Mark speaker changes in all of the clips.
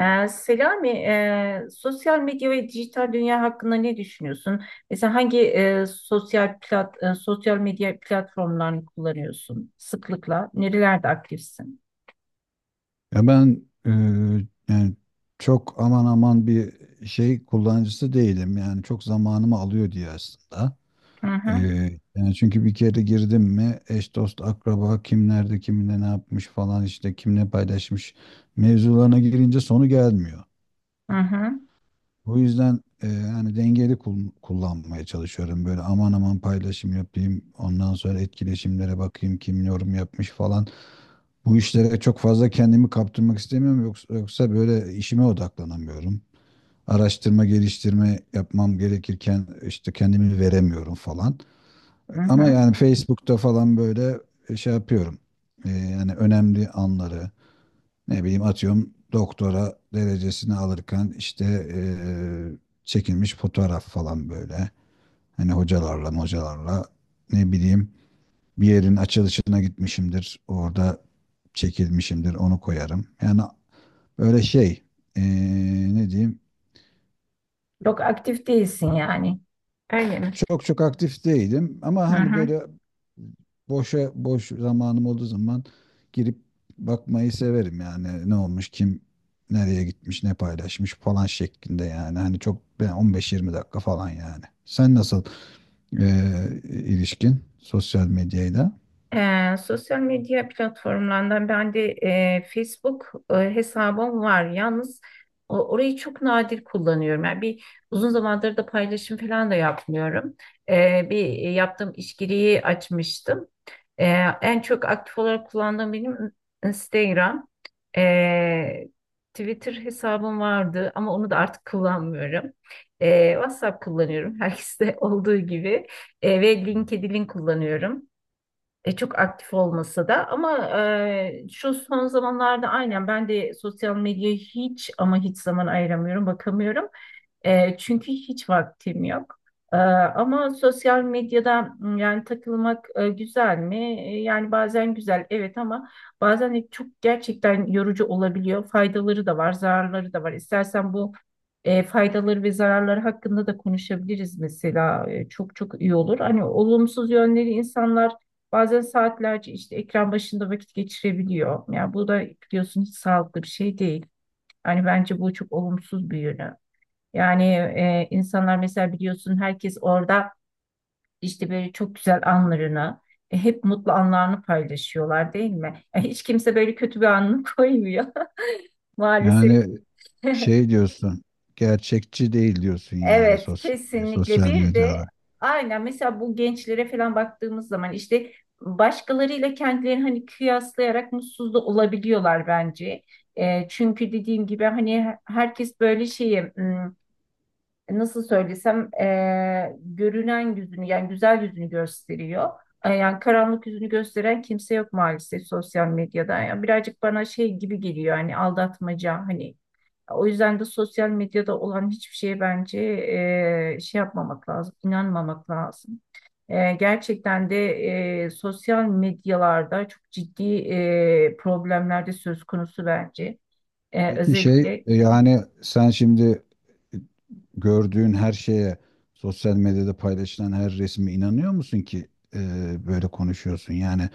Speaker 1: Selami, sosyal medya ve dijital dünya hakkında ne düşünüyorsun? Mesela hangi sosyal medya platformlarını kullanıyorsun sıklıkla? Nerelerde aktifsin?
Speaker 2: Ya ben yani çok aman aman bir şey kullanıcısı değilim. Yani çok zamanımı alıyor diye aslında.
Speaker 1: Hı
Speaker 2: E,
Speaker 1: hı.
Speaker 2: Yani çünkü bir kere girdim mi eş dost akraba kim nerede kiminle ne yapmış falan işte kim ne paylaşmış mevzularına girince sonu gelmiyor.
Speaker 1: Hı hı.
Speaker 2: O yüzden yani dengeli kullanmaya çalışıyorum. Böyle aman aman paylaşım yapayım. Ondan sonra etkileşimlere bakayım kim yorum yapmış falan. Bu işlere çok fazla kendimi kaptırmak istemiyorum. Yoksa böyle işime odaklanamıyorum. Araştırma, geliştirme yapmam gerekirken işte kendimi veremiyorum falan.
Speaker 1: Hı
Speaker 2: Ama
Speaker 1: hı.
Speaker 2: yani Facebook'ta falan böyle şey yapıyorum. Yani önemli anları ne bileyim atıyorum doktora derecesini alırken işte eee, çekilmiş fotoğraf falan böyle. Hani hocalarla ne bileyim bir yerin açılışına gitmişimdir. Orada çekilmişimdir onu koyarım. Yani öyle şey eee, ne diyeyim.
Speaker 1: Çok aktif değilsin yani. Öyle mi?
Speaker 2: Çok çok aktif değilim ama
Speaker 1: Hı
Speaker 2: hani
Speaker 1: hı.
Speaker 2: böyle boşa boş zamanım olduğu zaman girip bakmayı severim yani ne olmuş kim nereye gitmiş ne paylaşmış falan şeklinde yani hani çok yani 15-20 dakika falan yani. Sen nasıl e, ilişkin sosyal medyayla?
Speaker 1: Sosyal medya platformlarından ben de Facebook hesabım var. Yalnız orayı çok nadir kullanıyorum. Yani bir uzun zamandır da paylaşım falan da yapmıyorum. Bir yaptığım iş giriyi açmıştım. Ee, En çok aktif olarak kullandığım benim Instagram. Ee, Twitter hesabım vardı ama onu da artık kullanmıyorum. WhatsApp kullanıyorum herkeste olduğu gibi. Ve LinkedIn kullanıyorum. Çok aktif olmasa da ama şu son zamanlarda aynen ben de sosyal medyaya hiç ama hiç zaman ayıramıyorum, bakamıyorum. Çünkü hiç vaktim yok. Ama sosyal medyada yani takılmak güzel mi? Yani bazen güzel, evet, ama bazen de çok gerçekten yorucu olabiliyor. Faydaları da var, zararları da var. İstersen bu faydaları ve zararları hakkında da konuşabiliriz mesela. Çok çok iyi olur. Hani olumsuz yönleri, insanlar bazen saatlerce işte ekran başında vakit geçirebiliyor. Yani bu da biliyorsun hiç sağlıklı bir şey değil. Yani bence bu çok olumsuz bir yönü. Yani insanlar mesela biliyorsun herkes orada işte böyle çok güzel anlarını, hep mutlu anlarını paylaşıyorlar, değil mi? Hiç kimse böyle kötü bir anını koymuyor maalesef.
Speaker 2: Yani şey diyorsun gerçekçi değil diyorsun yani
Speaker 1: Evet,
Speaker 2: sosyal,
Speaker 1: kesinlikle.
Speaker 2: sosyal
Speaker 1: Bir de
Speaker 2: medyada.
Speaker 1: aynen mesela bu gençlere falan baktığımız zaman işte başkalarıyla kendilerini hani kıyaslayarak mutsuz da olabiliyorlar bence. Çünkü dediğim gibi hani herkes böyle şeyi nasıl söylesem görünen yüzünü yani güzel yüzünü gösteriyor. Yani karanlık yüzünü gösteren kimse yok maalesef sosyal medyada. Yani birazcık bana şey gibi geliyor, hani aldatmaca, hani o yüzden de sosyal medyada olan hiçbir şeye bence şey yapmamak lazım, inanmamak lazım. Gerçekten de sosyal medyalarda çok ciddi problemler de söz konusu bence.
Speaker 2: Peki şey
Speaker 1: Özellikle.
Speaker 2: yani sen şimdi gördüğün her şeye, sosyal medyada paylaşılan her resme inanıyor musun ki e, böyle konuşuyorsun? Yani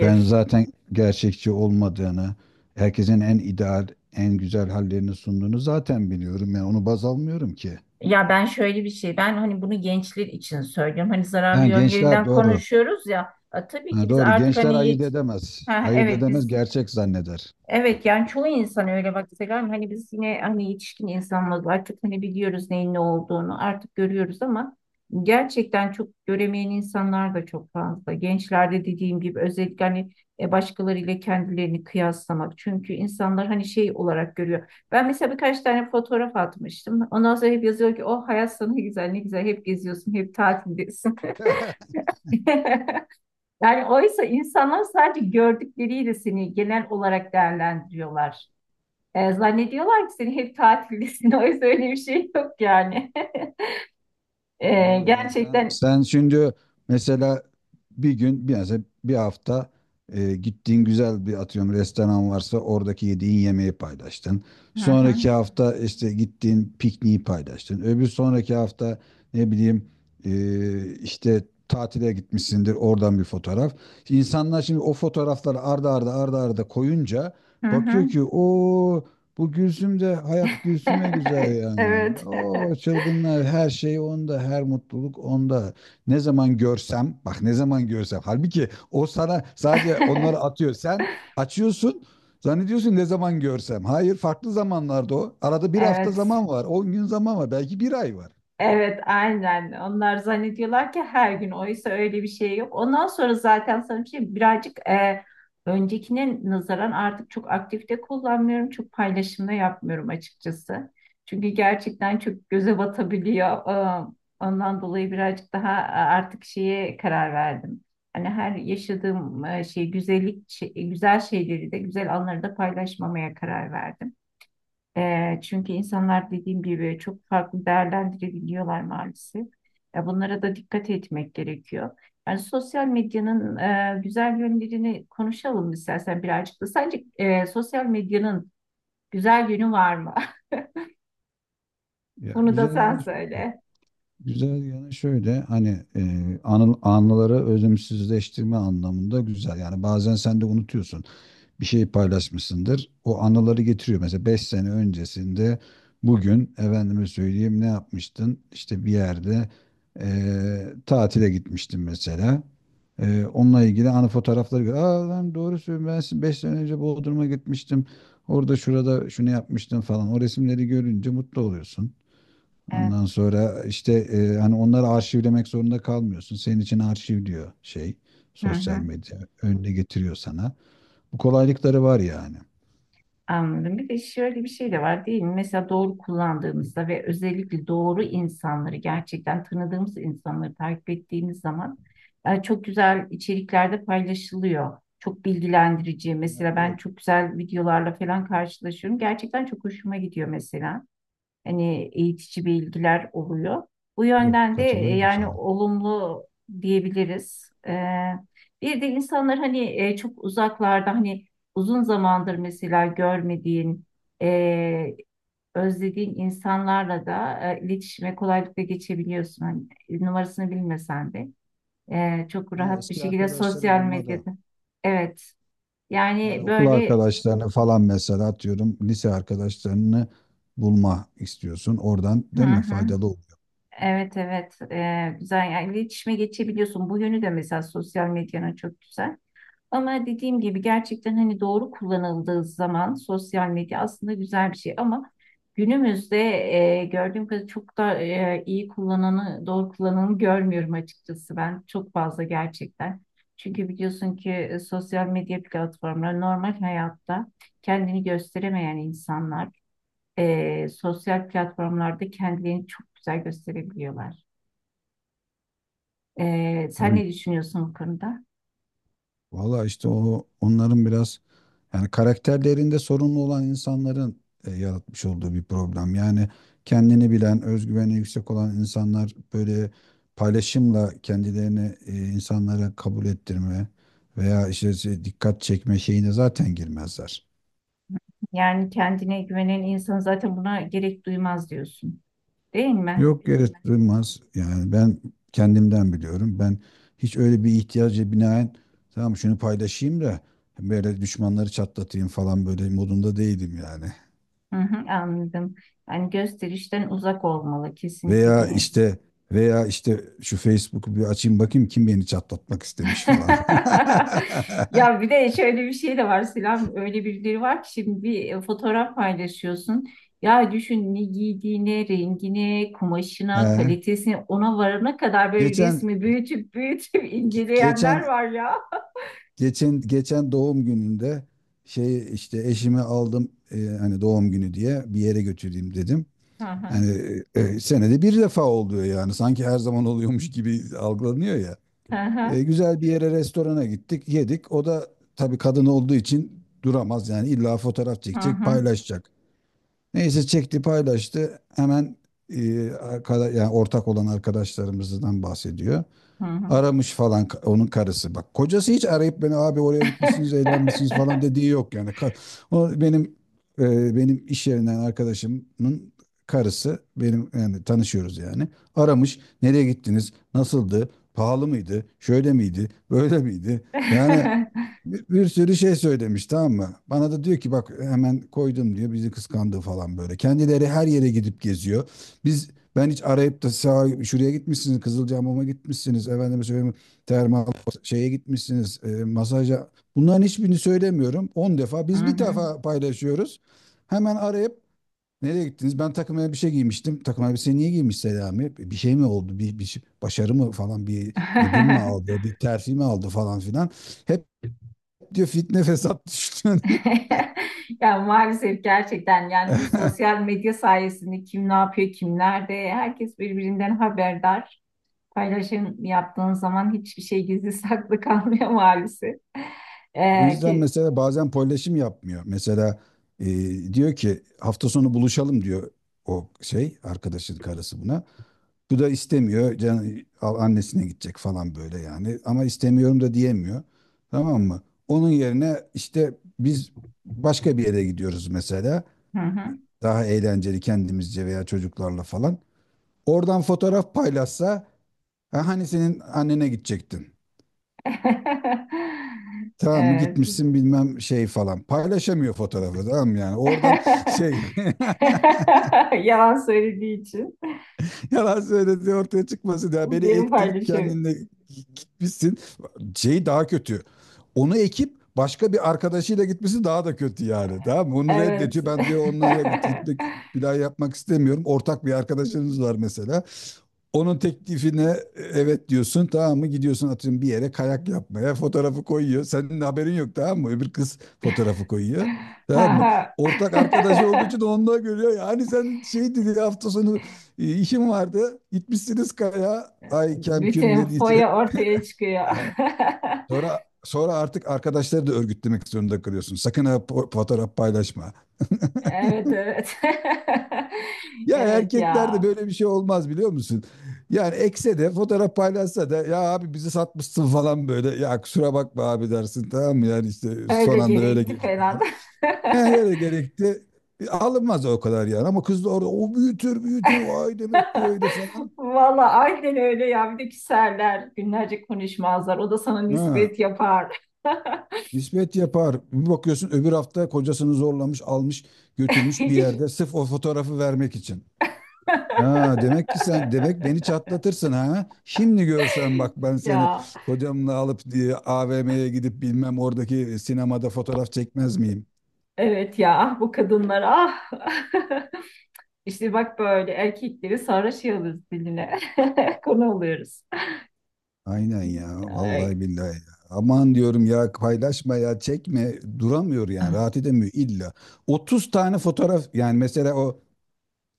Speaker 2: ben zaten gerçekçi olmadığını, herkesin en ideal, en güzel hallerini sunduğunu zaten biliyorum. Yani onu baz almıyorum ki.
Speaker 1: Ya, ben şöyle bir şey, ben hani bunu gençler için söylüyorum. Hani zararlı
Speaker 2: Ha, gençler
Speaker 1: yönlerinden
Speaker 2: doğru.
Speaker 1: konuşuyoruz ya. Tabii ki
Speaker 2: Ha,
Speaker 1: biz
Speaker 2: doğru.
Speaker 1: artık
Speaker 2: Gençler
Speaker 1: hani
Speaker 2: ayırt edemez.
Speaker 1: ha,
Speaker 2: Ayırt
Speaker 1: evet,
Speaker 2: edemez,
Speaker 1: biz.
Speaker 2: gerçek zanneder.
Speaker 1: Evet, yani çoğu insan öyle, bak Selam, hani biz yine hani yetişkin insanlarız artık, hani biliyoruz neyin ne olduğunu, artık görüyoruz, ama gerçekten çok göremeyen insanlar da çok fazla. Gençlerde dediğim gibi özellikle hani başkalarıyla kendilerini kıyaslamak, çünkü insanlar hani şey olarak görüyor. Ben mesela birkaç tane fotoğraf atmıştım, ondan sonra hep yazıyor ki, oh, hayat sana ne güzel, ne güzel, hep geziyorsun, hep tatildesin. Yani oysa insanlar sadece gördükleriyle seni genel olarak değerlendiriyorlar. Zannediyorlar ki seni hep tatildesin. Oysa öyle bir şey yok yani.
Speaker 2: Doğru. Yani sen
Speaker 1: Gerçekten.
Speaker 2: sen şimdi mesela bir hafta gittiğin güzel bir atıyorum restoran varsa oradaki yediğin yemeği paylaştın.
Speaker 1: Hı hı.
Speaker 2: Sonraki hafta işte gittiğin pikniği paylaştın. Öbür sonraki hafta ne bileyim işte tatile gitmişsindir oradan bir fotoğraf. İnsanlar şimdi o fotoğrafları arda arda arda arda koyunca
Speaker 1: Hı hı.
Speaker 2: bakıyor ki o bu Gülsüm de hayat Gülsüm'e güzel yani.
Speaker 1: Evet.
Speaker 2: O çılgınlar her şey onda, her mutluluk onda. Ne zaman görsem, bak ne zaman görsem. Halbuki o sana sadece onları atıyor. Sen açıyorsun, zannediyorsun ne zaman görsem. Hayır, farklı zamanlarda o. Arada bir hafta
Speaker 1: Evet.
Speaker 2: zaman var, 10 gün zaman var, belki bir ay var.
Speaker 1: Evet, aynen. Onlar zannediyorlar ki her gün. Oysa öyle bir şey yok. Ondan sonra zaten sana bir şey birazcık öncekine nazaran artık çok aktif de kullanmıyorum. Çok paylaşımda yapmıyorum açıkçası. Çünkü gerçekten çok göze batabiliyor. E, Ondan dolayı birazcık daha artık şeye karar verdim. Hani her yaşadığım güzel şeyleri de güzel anları da paylaşmamaya karar verdim. Çünkü insanlar dediğim gibi çok farklı değerlendirebiliyorlar maalesef. Bunlara da dikkat etmek gerekiyor. Yani sosyal medyanın güzel yönlerini konuşalım istersen birazcık da. Sence sosyal medyanın güzel yönü var mı?
Speaker 2: Ya
Speaker 1: Bunu da
Speaker 2: güzel
Speaker 1: sen
Speaker 2: yanı şöyle,
Speaker 1: söyle.
Speaker 2: güzel yanı şöyle hani e, anıları özümsüzleştirme anlamında güzel. Yani bazen sen de unutuyorsun. Bir şey paylaşmışsındır. O anıları getiriyor. Mesela 5 sene öncesinde bugün efendime söyleyeyim ne yapmıştın? İşte bir yerde tatile gitmiştin mesela. Onunla ilgili anı fotoğrafları gör. Aa lan doğru söylüyorsun ben 5 sene önce Bodrum'a gitmiştim. Orada şurada şunu yapmıştım falan. O resimleri görünce mutlu oluyorsun. Ondan
Speaker 1: Evet.
Speaker 2: sonra işte hani onları arşivlemek zorunda kalmıyorsun. Senin için arşivliyor şey
Speaker 1: Hı
Speaker 2: sosyal
Speaker 1: hı.
Speaker 2: medya önüne getiriyor sana. Bu kolaylıkları var yani.
Speaker 1: Anladım. Bir de şöyle bir şey de var, değil mi? Mesela doğru kullandığımızda ve özellikle doğru insanları, gerçekten tanıdığımız insanları takip ettiğimiz zaman çok güzel içeriklerde paylaşılıyor. Çok bilgilendirici.
Speaker 2: Ha,
Speaker 1: Mesela ben
Speaker 2: evet,
Speaker 1: çok güzel videolarla falan karşılaşıyorum. Gerçekten çok hoşuma gidiyor mesela, hani eğitici bilgiler oluyor. Bu
Speaker 2: doğru.
Speaker 1: yönden de
Speaker 2: Katılıyorum
Speaker 1: yani
Speaker 2: sana.
Speaker 1: olumlu diyebiliriz. Bir de insanlar, hani çok uzaklarda, hani uzun zamandır mesela görmediğin, e, özlediğin insanlarla da iletişime kolaylıkla geçebiliyorsun. Hani numarasını bilmesen de çok
Speaker 2: Ha,
Speaker 1: rahat bir
Speaker 2: eski
Speaker 1: şekilde
Speaker 2: arkadaşları
Speaker 1: sosyal
Speaker 2: bulmada.
Speaker 1: medyada. Evet.
Speaker 2: Yani
Speaker 1: Yani
Speaker 2: okul
Speaker 1: böyle.
Speaker 2: arkadaşlarını falan mesela atıyorum lise arkadaşlarını bulma istiyorsun. Oradan
Speaker 1: Hı
Speaker 2: değil mi
Speaker 1: hı.
Speaker 2: faydalı oluyor.
Speaker 1: Evet, evet. Güzel, yani iletişime geçebiliyorsun. Bu yönü de mesela sosyal medyanın çok güzel. Ama dediğim gibi gerçekten hani doğru kullanıldığı zaman sosyal medya aslında güzel bir şey, ama günümüzde gördüğüm kadarıyla çok da iyi kullananı, doğru kullananı görmüyorum açıkçası ben, çok fazla gerçekten. Çünkü biliyorsun ki sosyal medya platformları normal hayatta kendini gösteremeyen insanlar sosyal platformlarda kendilerini çok güzel gösterebiliyorlar. Sen
Speaker 2: Tabii.
Speaker 1: ne düşünüyorsun bu konuda?
Speaker 2: Valla işte o onların biraz yani karakterlerinde sorunlu olan insanların yaratmış olduğu bir problem. Yani kendini bilen, özgüveni yüksek olan insanlar böyle paylaşımla kendilerini insanlara kabul ettirme veya işte dikkat çekme şeyine zaten girmezler.
Speaker 1: Yani kendine güvenen insan zaten buna gerek duymaz diyorsun, değil mi?
Speaker 2: Yok yere girmez. Yani ben kendimden biliyorum. Ben hiç öyle bir ihtiyaca binaen tamam şunu paylaşayım da böyle düşmanları çatlatayım falan böyle modunda değilim yani.
Speaker 1: Hı hı, anladım. Yani gösterişten uzak olmalı kesinlikle bir
Speaker 2: Veya
Speaker 1: insan.
Speaker 2: işte veya işte şu Facebook'u bir açayım bakayım kim beni çatlatmak istemiş falan.
Speaker 1: Ya, bir de şöyle bir şey de var Selam. Öyle birileri var ki şimdi bir fotoğraf paylaşıyorsun. Ya düşün, ne giydiğine, rengine,
Speaker 2: He.
Speaker 1: kumaşına, kalitesine, ona varana kadar böyle
Speaker 2: Geçen
Speaker 1: resmi büyütüp büyütüp inceleyenler
Speaker 2: geçen
Speaker 1: var ya.
Speaker 2: geçen doğum gününde şey işte eşimi aldım hani doğum günü diye bir yere götüreyim dedim.
Speaker 1: Hı hı.
Speaker 2: Hani senede bir defa oluyor yani sanki her zaman oluyormuş gibi algılanıyor ya.
Speaker 1: Hı hı.
Speaker 2: Güzel bir yere restorana gittik yedik. O da tabii kadın olduğu için duramaz yani illa fotoğraf
Speaker 1: Hı
Speaker 2: çekecek
Speaker 1: hı.
Speaker 2: paylaşacak. Neyse çekti paylaştı. Hemen arkada, yani ortak olan arkadaşlarımızdan bahsediyor.
Speaker 1: Hı hı.
Speaker 2: Aramış falan onun karısı. Bak kocası hiç arayıp beni abi oraya gitmişsiniz, eğlenmişsiniz falan dediği yok yani. O benim benim iş yerinden arkadaşımın karısı benim yani tanışıyoruz yani. Aramış. Nereye gittiniz? Nasıldı? Pahalı mıydı? Şöyle miydi? Böyle miydi? Yani bir sürü şey söylemiş tamam mı? Bana da diyor ki bak hemen koydum diyor bizi kıskandı falan böyle. Kendileri her yere gidip geziyor. Biz ben hiç arayıp da sağa, şuraya gitmişsiniz, Kızılcahamam'a gitmişsiniz, efendime söyleyeyim, termal şeye gitmişsiniz, masaja. Bunların hiçbirini söylemiyorum. 10 defa.
Speaker 1: Hı
Speaker 2: Biz bir
Speaker 1: hı.
Speaker 2: defa paylaşıyoruz. Hemen arayıp nereye gittiniz? Ben takım elbise giymiştim. Takım elbise niye giymiş Selami? Bir şey mi oldu? Başarı mı falan? Bir ödül mü aldı? Bir terfi mi aldı falan filan? Hep diyor fitne fesat düştü.
Speaker 1: Ya maalesef gerçekten, yani bu sosyal medya sayesinde kim ne yapıyor, kim nerede, herkes birbirinden haberdar. Paylaşım yaptığın zaman hiçbir şey gizli saklı kalmıyor maalesef.
Speaker 2: O yüzden
Speaker 1: Ki.
Speaker 2: mesela bazen paylaşım yapmıyor. Mesela e, diyor ki hafta sonu buluşalım diyor o şey arkadaşın karısı buna. Bu da istemiyor. Can, al annesine gidecek falan böyle yani. Ama istemiyorum da diyemiyor. Tamam mı? Onun yerine işte biz başka bir yere gidiyoruz mesela.
Speaker 1: Hı hı.
Speaker 2: Daha eğlenceli kendimizce veya çocuklarla falan. Oradan fotoğraf paylaşsa "Ha, hani senin annene gidecektin. Tamam mı
Speaker 1: Evet.
Speaker 2: gitmişsin bilmem şey falan." Paylaşamıyor fotoğrafı tamam mı yani. Oradan şey.
Speaker 1: Yalan söylediği için
Speaker 2: Yalan söylediği ortaya çıkmasın ya. Beni
Speaker 1: benim
Speaker 2: ektin
Speaker 1: paylaşıyorum.
Speaker 2: kendinle gitmişsin. Şey daha kötü. Onu ekip başka bir arkadaşıyla gitmesi daha da kötü yani. Tamam mı? Onu
Speaker 1: Evet.
Speaker 2: reddediyor. Ben diyor onunla gitmek bir daha yapmak istemiyorum. Ortak bir arkadaşınız var mesela. Onun teklifine evet diyorsun tamam mı gidiyorsun atıyorum bir yere kayak yapmaya fotoğrafı koyuyor. Senin de haberin yok tamam mı? Öbür kız fotoğrafı koyuyor.
Speaker 1: Ha
Speaker 2: Tamam mı?
Speaker 1: ha.
Speaker 2: Ortak arkadaşı olduğu için onu da görüyor. Yani sen şey dedi hafta sonu İşim vardı. Gitmişsiniz kaya. Ay kem küm
Speaker 1: Bütün
Speaker 2: ne diyeceğim.
Speaker 1: foya ortaya
Speaker 2: E,
Speaker 1: çıkıyor.
Speaker 2: sonra artık arkadaşları da örgütlemek zorunda kalıyorsun. Sakın ha fotoğraf paylaşma.
Speaker 1: Evet, evet.
Speaker 2: Ya
Speaker 1: Evet
Speaker 2: erkeklerde
Speaker 1: ya.
Speaker 2: böyle bir şey olmaz biliyor musun? Yani ekse de fotoğraf paylaşsa da ya abi bizi satmışsın falan böyle. Ya kusura bakma abi dersin tamam mı? Yani işte
Speaker 1: Öyle
Speaker 2: son anda öyle
Speaker 1: gerekti
Speaker 2: gelişti
Speaker 1: falan.
Speaker 2: falan. He, öyle gerekti. Alınmaz o kadar yani ama kız da orada o büyütür büyütür vay demek ki öyle falan.
Speaker 1: Valla aynen öyle ya. Bir de küserler. Günlerce konuşmazlar. O da sana
Speaker 2: Ha.
Speaker 1: nispet yapar.
Speaker 2: Nispet yapar. Bir bakıyorsun öbür hafta kocasını zorlamış, almış, götürmüş bir
Speaker 1: Hiç-
Speaker 2: yerde sırf o fotoğrafı vermek için. Ha demek ki sen demek beni çatlatırsın ha. Şimdi görsen bak ben seni
Speaker 1: Ya,
Speaker 2: kocamla alıp diye AVM'ye gidip bilmem oradaki sinemada fotoğraf çekmez miyim?
Speaker 1: evet, ya, ah, bu kadınlar, ah. İşte bak böyle erkekleri sarhoş yalıyoruz diline. Konu oluyoruz.
Speaker 2: Aynen ya
Speaker 1: Ay.
Speaker 2: vallahi billahi ya. Aman diyorum ya paylaşma ya çekme duramıyor yani rahat edemiyor illa. 30 tane fotoğraf yani mesela o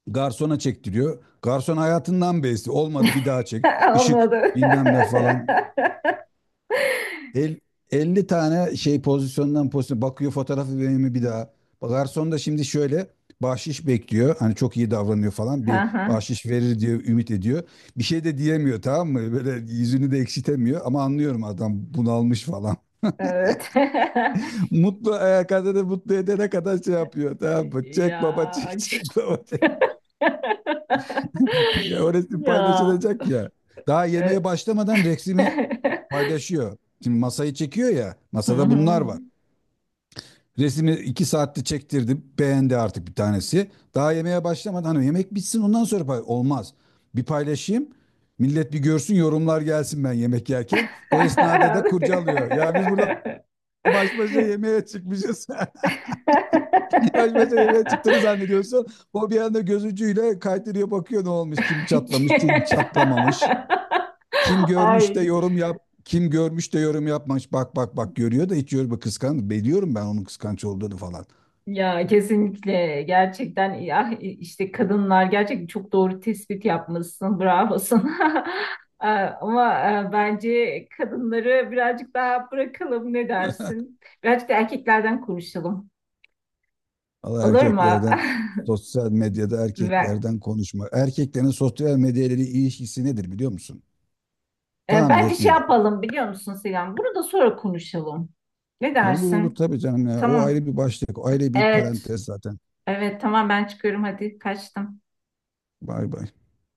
Speaker 2: garsona çektiriyor. Garson hayatından bezdi. Olmadı bir daha çek. Işık
Speaker 1: Olmadı.
Speaker 2: bilmem ne falan. El, 50 tane şey pozisyondan pozisyona bakıyor fotoğrafı vereyim mi bir
Speaker 1: Hı.
Speaker 2: daha. Garson da şimdi şöyle bahşiş bekliyor. Hani çok iyi davranıyor falan. Bir
Speaker 1: Hı.
Speaker 2: bahşiş verir diye ümit ediyor. Bir şey de diyemiyor tamam mı? Böyle yüzünü de ekşitemiyor ama anlıyorum adam bunalmış falan.
Speaker 1: Evet.
Speaker 2: Mutlu kadını mutlu edene kadar şey yapıyor tamam mı? Çek baba
Speaker 1: Ya.
Speaker 2: çek çek baba çek. Ya o resim
Speaker 1: Ya.
Speaker 2: paylaşılacak ya. Daha yemeğe
Speaker 1: Evet.
Speaker 2: başlamadan resmi paylaşıyor. Şimdi masayı çekiyor ya.
Speaker 1: Hı
Speaker 2: Masada
Speaker 1: hı.
Speaker 2: bunlar var. Resmi 2 saatte çektirdi. Beğendi artık bir tanesi. Daha yemeğe başlamadan hani yemek bitsin ondan sonra olmaz. Bir paylaşayım. Millet bir görsün yorumlar gelsin ben yemek yerken. O esnada da kurcalıyor. Ya biz burada baş başa yemeğe çıkmışız. Baş başa yemeğe çıktığını zannediyorsun. O bir anda göz ucuyla kaydırıyor bakıyor ne olmuş kim çatlamış kim çatlamamış. Kim görmüş de
Speaker 1: Ay.
Speaker 2: yorum yap. Kim görmüş de yorum yapmamış. Bak bak bak görüyor da hiç yorum kıskan. Biliyorum ben onun kıskanç olduğunu falan.
Speaker 1: Ya kesinlikle gerçekten ya, işte kadınlar gerçekten çok doğru tespit yapmışsın. Bravo sana. Ee, Ama bence kadınları birazcık daha bırakalım, ne dersin? Birazcık da erkeklerden konuşalım.
Speaker 2: Allah
Speaker 1: Olur mu?
Speaker 2: erkeklerden sosyal medyada
Speaker 1: Ben,
Speaker 2: erkeklerden konuşma. Erkeklerin sosyal medyayla ilişkisi nedir biliyor musun? Tahmin
Speaker 1: Bence
Speaker 2: et
Speaker 1: şey
Speaker 2: nedir?
Speaker 1: yapalım biliyor musun Selam? Bunu da sonra konuşalım. Ne
Speaker 2: Olur olur
Speaker 1: dersin?
Speaker 2: tabii canım ya. O
Speaker 1: Tamam.
Speaker 2: ayrı bir başlık. O ayrı bir
Speaker 1: Evet.
Speaker 2: parantez zaten.
Speaker 1: Evet, tamam, ben çıkıyorum, hadi kaçtım.
Speaker 2: Bay bay.